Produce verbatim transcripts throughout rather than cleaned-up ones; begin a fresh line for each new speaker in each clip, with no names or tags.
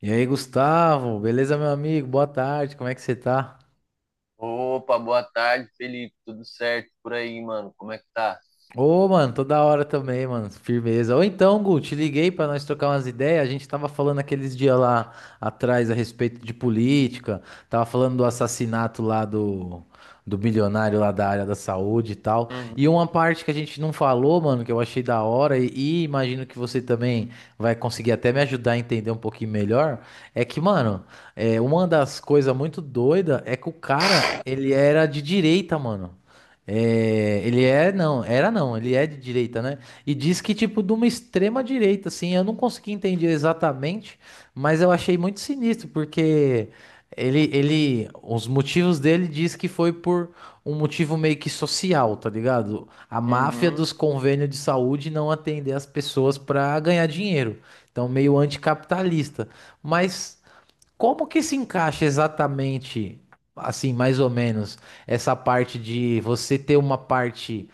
E aí, Gustavo, beleza, meu amigo? Boa tarde, como é que você tá?
Opa, boa tarde, Felipe. Tudo certo por aí, mano? Como é que tá?
Ô, mano, toda hora também, mano. Firmeza. Ou então, Gu, te liguei pra nós trocar umas ideias. A gente tava falando aqueles dias lá atrás a respeito de política. Tava falando do assassinato lá do, do bilionário lá da área da saúde e tal.
Uhum,
E uma parte que a gente não falou, mano, que eu achei da hora e, e imagino que você também vai conseguir até me ajudar a entender um pouquinho melhor, é que, mano, é, uma das coisas muito doida é que o cara, ele era de direita, mano. É, ele é, não, era não, ele é de direita, né? E diz que, tipo, de uma extrema direita, assim, eu não consegui entender exatamente, mas eu achei muito sinistro, porque ele, ele, os motivos dele diz que foi por um motivo meio que social, tá ligado? A máfia
uhum.
dos convênios de saúde não atender as pessoas pra ganhar dinheiro, então meio anticapitalista. Mas como que se encaixa exatamente, assim, mais ou menos, essa parte de você ter uma parte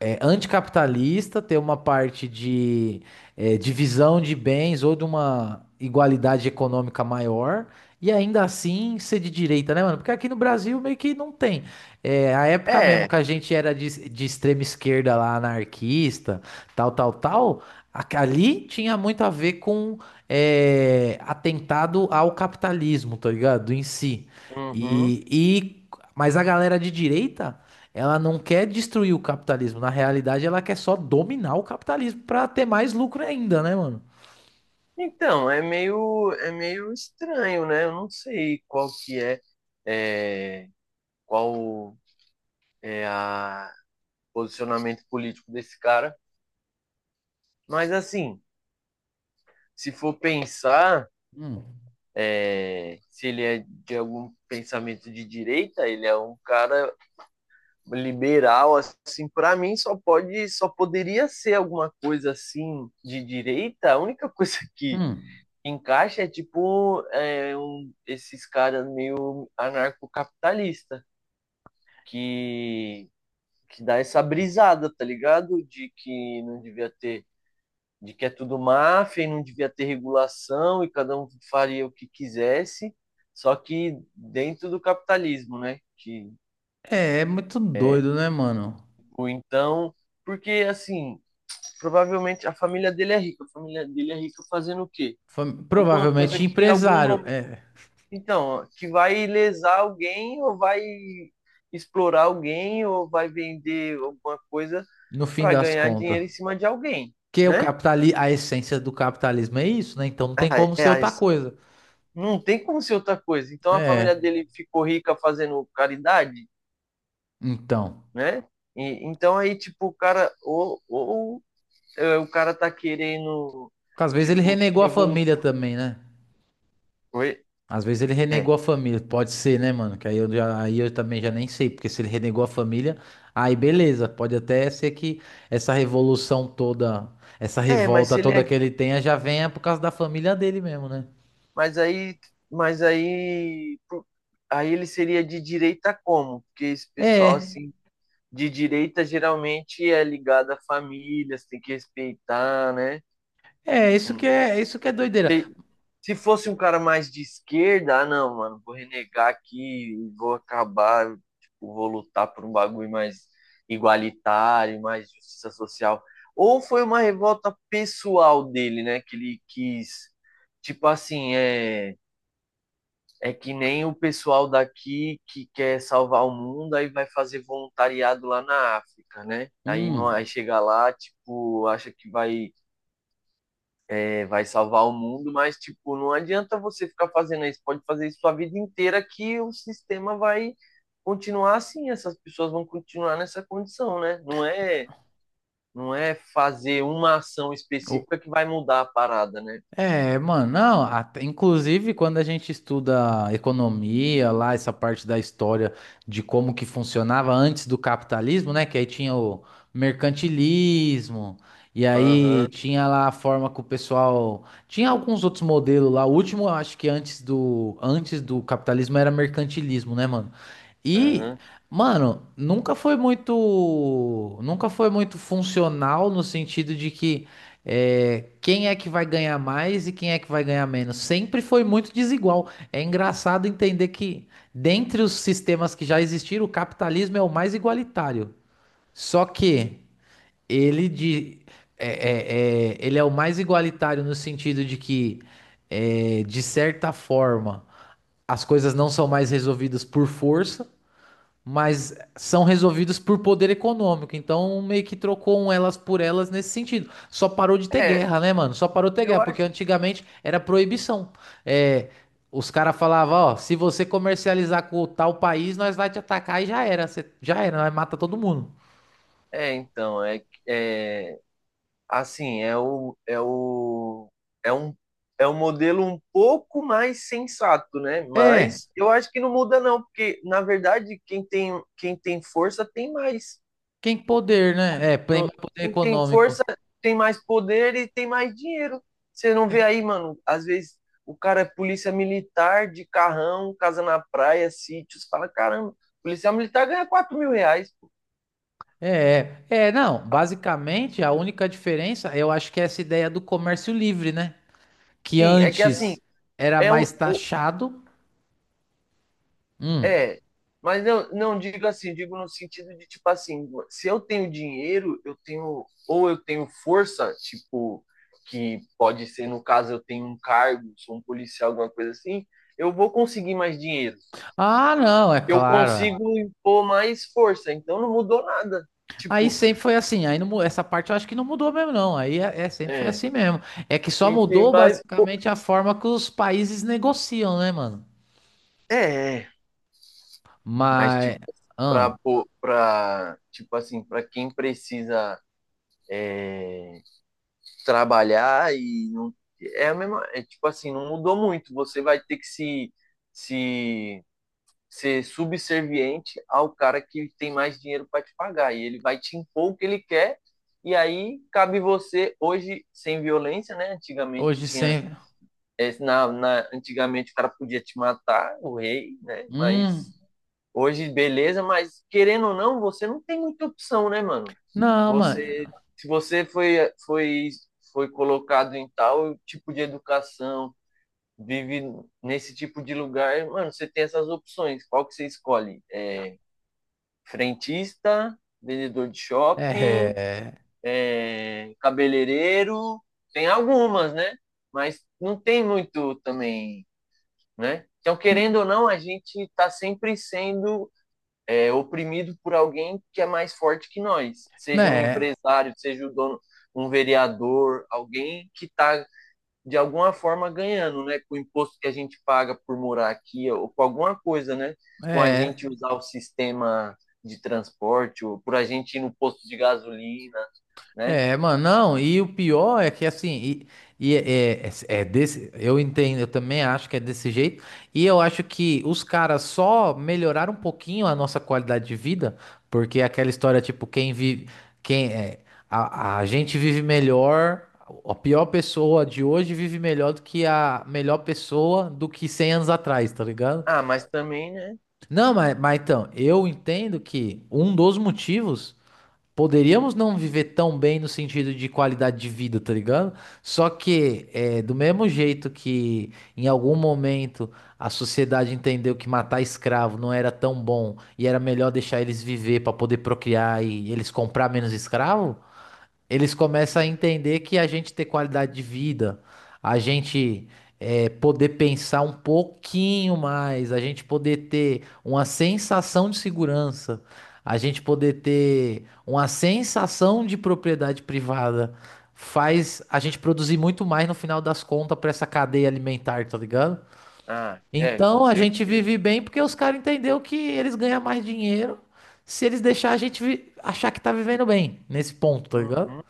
é, anticapitalista, ter uma parte de é, divisão de bens ou de uma igualdade econômica maior, e ainda assim ser de direita, né, mano? Porque aqui no Brasil meio que não tem. É, a época mesmo
É.
que a gente era de, de extrema esquerda lá, anarquista, tal, tal, tal, a- ali tinha muito a ver com é, atentado ao capitalismo, tá ligado? Em si.
Uhum.
E, e, mas a galera de direita. Ela não quer destruir o capitalismo. Na realidade, ela quer só dominar o capitalismo pra ter mais lucro ainda, né, mano?
Então, é meio, é meio estranho, né? Eu não sei qual que é, é, qual é a posicionamento político desse cara, mas assim, se for pensar,
Hum,
é, se ele é de algum pensamento de direita, ele é um cara liberal assim, para mim só pode só poderia ser alguma coisa assim de direita. A única coisa que
hum.
encaixa é tipo é, um, esses caras meio anarcocapitalista que que dá essa brisada, tá ligado, de que não devia ter de que é tudo máfia e não devia ter regulação e cada um faria o que quisesse, só que dentro do capitalismo, né? que
É, é muito
é,
doido, né, mano?
ou então, porque assim, provavelmente a família dele é rica. A família dele é rica fazendo o quê?
Foi
Alguma coisa
provavelmente
que em algum
empresário,
momento.
é,
Então, que vai lesar alguém ou vai explorar alguém ou vai vender alguma coisa
no fim
para
das
ganhar
contas.
dinheiro em cima de alguém,
Porque o
né?
capitali a essência do capitalismo é isso, né? Então não tem como
É,
ser
é,
outra
esse-
coisa.
não tem como ser outra coisa. Então a família
É,
dele ficou rica fazendo caridade,
então.
né? E então aí, tipo, o cara, ou, ou é, o cara tá querendo,
Porque às vezes ele
tipo, se
renegou a família
revoltar.
também, né?
Oi?
Às vezes ele renegou a família, pode ser, né, mano? Que aí eu, já- aí eu também já nem sei, porque se ele renegou a família, aí beleza, pode até ser que essa revolução toda, essa
É, mas
revolta
se ele é
toda que ele tenha já venha por causa da família dele mesmo, né?
Mas aí, mas aí, pro- aí ele seria de direita como? Porque esse pessoal
É,
assim de direita geralmente é ligado a famílias, tem que respeitar, né?
é, isso que
Hum.
é, isso que é doideira.
te- Se fosse um cara mais de esquerda, ah, não, mano, vou renegar aqui, vou acabar, tipo, vou lutar por um bagulho mais igualitário, mais justiça social. Ou foi uma revolta pessoal dele, né? Que ele quis, tipo assim. é É que nem o pessoal daqui que quer salvar o mundo, aí vai fazer voluntariado lá na África, né? Aí, não, aí
Hum,
chega lá, tipo, acha que vai, é, vai salvar o mundo, mas, tipo, não adianta você ficar fazendo isso. Pode fazer isso sua vida inteira que o sistema vai continuar assim. Essas pessoas vão continuar nessa condição, né? Não é, não é fazer uma ação
o,
específica que vai mudar a parada, né?
é, mano, não, até- inclusive quando a gente estuda economia lá, essa parte da história de como que funcionava antes do capitalismo, né? Que aí tinha o mercantilismo, e aí
Aham,
tinha lá a forma que o pessoal. Tinha alguns outros modelos lá. O último, eu acho que antes do, antes do capitalismo era mercantilismo, né, mano? E,
aham.
mano, nunca foi muito, nunca foi muito funcional no sentido de que é, quem é que vai ganhar mais e quem é que vai ganhar menos. Sempre foi muito desigual. É engraçado entender que, dentre os sistemas que já existiram, o capitalismo é o mais igualitário. Só que ele de, é, é, é- ele é o mais igualitário no sentido de que, é, de certa forma, as coisas não são mais resolvidas por força, mas são resolvidos por poder econômico. Então, meio que trocou um elas por elas nesse sentido. Só parou de ter
É,
guerra, né, mano? Só parou de ter guerra,
eu
porque
acho.
antigamente era proibição. É, os caras falavam, ó, se você comercializar com tal país, nós vai te atacar e já era. Você, já era, nós mata todo mundo.
É, então, é, é assim, é o, é o, é um, é um modelo um pouco mais sensato, né?
É,
Mas eu acho que não muda não, porque na verdade quem tem, quem tem força tem mais.
quem poder, né? É, tem
No-
mais poder
quem tem
econômico.
força tem mais poder e tem mais dinheiro. Você não vê aí, mano? Às vezes o cara é polícia militar de carrão, casa na praia, sítios, fala, caramba, polícia militar ganha quatro mil reais.
É, é, É, não, basicamente a única diferença, eu acho que é essa ideia do comércio livre, né? Que
Sim, é que assim,
antes era
é um,
mais taxado. Hum.
É, mas não, não digo assim, digo no sentido de, tipo assim, se eu tenho dinheiro, eu tenho, ou eu tenho força, tipo, que pode ser no caso eu tenho um cargo, sou um policial, alguma coisa assim, eu vou conseguir mais dinheiro.
Ah, não, é
Eu
claro. É.
consigo impor mais força, então não mudou nada.
Aí
Tipo,
sempre foi assim. Aí não mu- essa parte eu acho que não mudou mesmo, não. Aí é, é- sempre foi
é,
assim mesmo. É que só
quem tem
mudou
mais, pô,
basicamente a forma que os países negociam, né, mano?
é, é, mas tipo,
Mas ah,
para para tipo assim, para quem precisa trabalhar e não, é a mesma, é, tipo assim, não mudou muito. Você vai ter que se, se ser subserviente ao cara que tem mais dinheiro para te pagar, e ele vai te impor o que ele quer, e aí cabe você hoje sem violência, né? Antigamente
hoje
tinha,
sempre.
é, na, na antigamente o cara podia te matar, o rei, né?
Hum,
Mas hoje, beleza, mas querendo ou não, você não tem muita opção, né, mano?
não,
Você,
mano.
se você foi, foi, foi colocado em tal tipo de educação, vive nesse tipo de lugar, mano, você tem essas opções. Qual que você escolhe? É, frentista, vendedor de
É,
shopping,
é,
é, cabeleireiro, tem algumas, né? Mas não tem muito também, né? Então, querendo ou não, a gente está sempre sendo é, oprimido por alguém que é mais forte que nós, seja um
né?
empresário, seja o dono, um vereador, alguém que está de alguma forma ganhando, né, com o imposto que a gente paga por morar aqui ou com alguma coisa, né,
É.
com a gente
É.
usar o sistema de transporte ou por a gente ir no posto de gasolina, né?
É, mano, não, e o pior é que assim, e, e é, é- é desse, eu entendo, eu também acho que é desse jeito, e eu acho que os caras só melhoraram um pouquinho a nossa qualidade de vida, porque é aquela história, tipo, quem vive, quem é, a, a gente vive melhor, a pior pessoa de hoje vive melhor do que a melhor pessoa do que cem anos atrás, tá ligado?
Ah, mas também, né?
Não, mas, mas então, eu entendo que um dos motivos. Poderíamos não viver tão bem no sentido de qualidade de vida, tá ligado? Só que, é, do mesmo jeito que em algum momento a sociedade entendeu que matar escravo não era tão bom e era melhor deixar eles viver para poder procriar e eles comprar menos escravo, eles começam a entender que a gente ter qualidade de vida, a gente eh, poder pensar um pouquinho mais, a gente poder ter uma sensação de segurança, a gente poder ter uma sensação de propriedade privada, faz a gente produzir muito mais no final das contas para essa cadeia alimentar, tá ligado?
Ah, é, com
Então a gente
certeza.
vive bem porque os caras entenderam que eles ganham mais dinheiro se eles deixar a gente vi- achar que tá vivendo bem nesse ponto, tá ligado?
Uhum.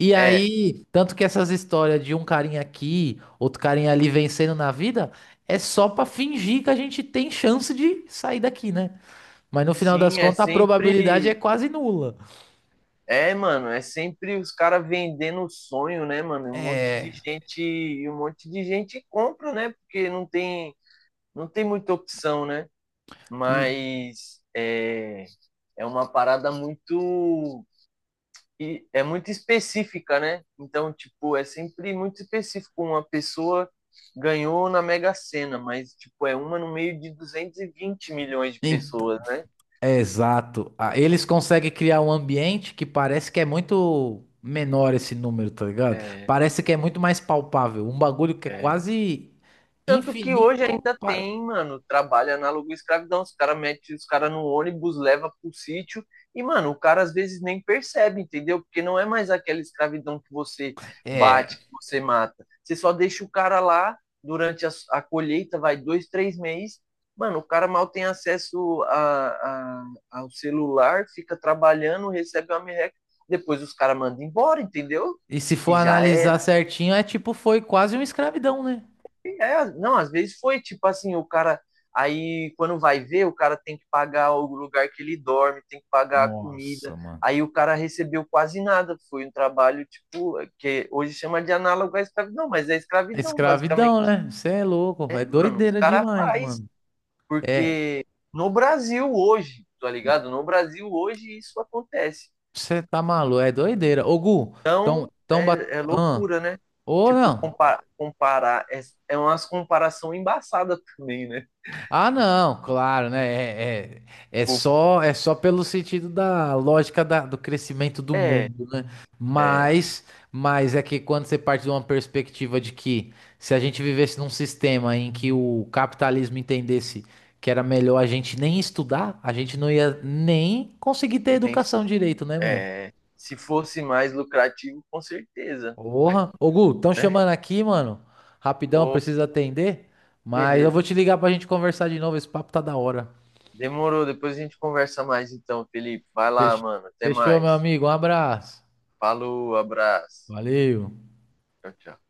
E
É,
aí, tanto que essas histórias de um carinha aqui, outro carinha ali vencendo na vida, é só pra fingir que a gente tem chance de sair daqui, né? Mas no final das
sim, é
contas, a
sempre
probabilidade é quase nula.
É, mano, é sempre os caras vendendo o sonho, né, mano? Um monte de
É,
gente, e um monte de gente compra, né? Porque não tem, não tem muita opção, né?
n-
Mas é, é uma parada muito, e é muito específica, né? Então, tipo, é sempre muito específico. Uma pessoa ganhou na Mega Sena, mas, tipo, é uma no meio de duzentos e vinte milhões de
então,
pessoas, né?
é exato. Ah, eles conseguem criar um ambiente que parece que é muito menor esse número, tá ligado? Parece que é muito mais palpável. Um bagulho que é
É,
quase
tanto que hoje
infinito
ainda
para.
tem, mano, trabalho análogo à escravidão. Os caras metem os caras no ônibus, leva pro sítio, e, mano, o cara às vezes nem percebe, entendeu? Porque não é mais aquela escravidão que você
É.
bate, que você mata. Você só deixa o cara lá durante a, a colheita, vai dois, três meses. Mano, o cara mal tem acesso a, a, ao celular, fica trabalhando, recebe uma merreca, depois os caras mandam embora, entendeu?
E se for
E já
analisar
era.
certinho, é tipo, foi quase uma escravidão, né?
É, não, às vezes foi tipo assim, o cara. Aí quando vai ver, o cara tem que pagar o lugar que ele dorme, tem que pagar a comida.
Nossa, mano.
Aí o cara recebeu quase nada. Foi um trabalho, tipo, que hoje chama de análogo à escravidão, mas é
É
escravidão,
escravidão,
basicamente.
né? Você é louco, é
É, mano, os
doideira
caras
demais,
faz,
mano. É,
porque no Brasil hoje, tá ligado? No Brasil hoje isso acontece.
você tá maluco, é doideira. Ô, Gu, tão, tão bat...
É, é
ah,
loucura, né?
ou
Tipo,
não,
compa- comparar, é, é umas comparação embaçada também, né?
ah, não, claro, né? É, é, é
Tipo,
só é só pelo sentido da lógica da- do crescimento do
é,
mundo, né?
é.
Mas, mas é que quando você parte de uma perspectiva de que se a gente vivesse num sistema em que o capitalismo entendesse que era melhor a gente nem estudar, a gente não ia nem conseguir ter
Bem,
educação direito, né, mano?
é, se fosse mais lucrativo, com certeza,
Porra. Ô, Gu, estão
né?
chamando aqui, mano. Rapidão,
Ô,
preciso atender. Mas eu
beleza.
vou te ligar pra gente conversar de novo. Esse papo tá da hora.
Demorou. Depois a gente conversa mais então, Felipe. Vai lá,
Fech-
mano. Até
Fechou, meu
mais.
amigo. Um abraço.
Falou, abraço.
Valeu.
Tchau, tchau.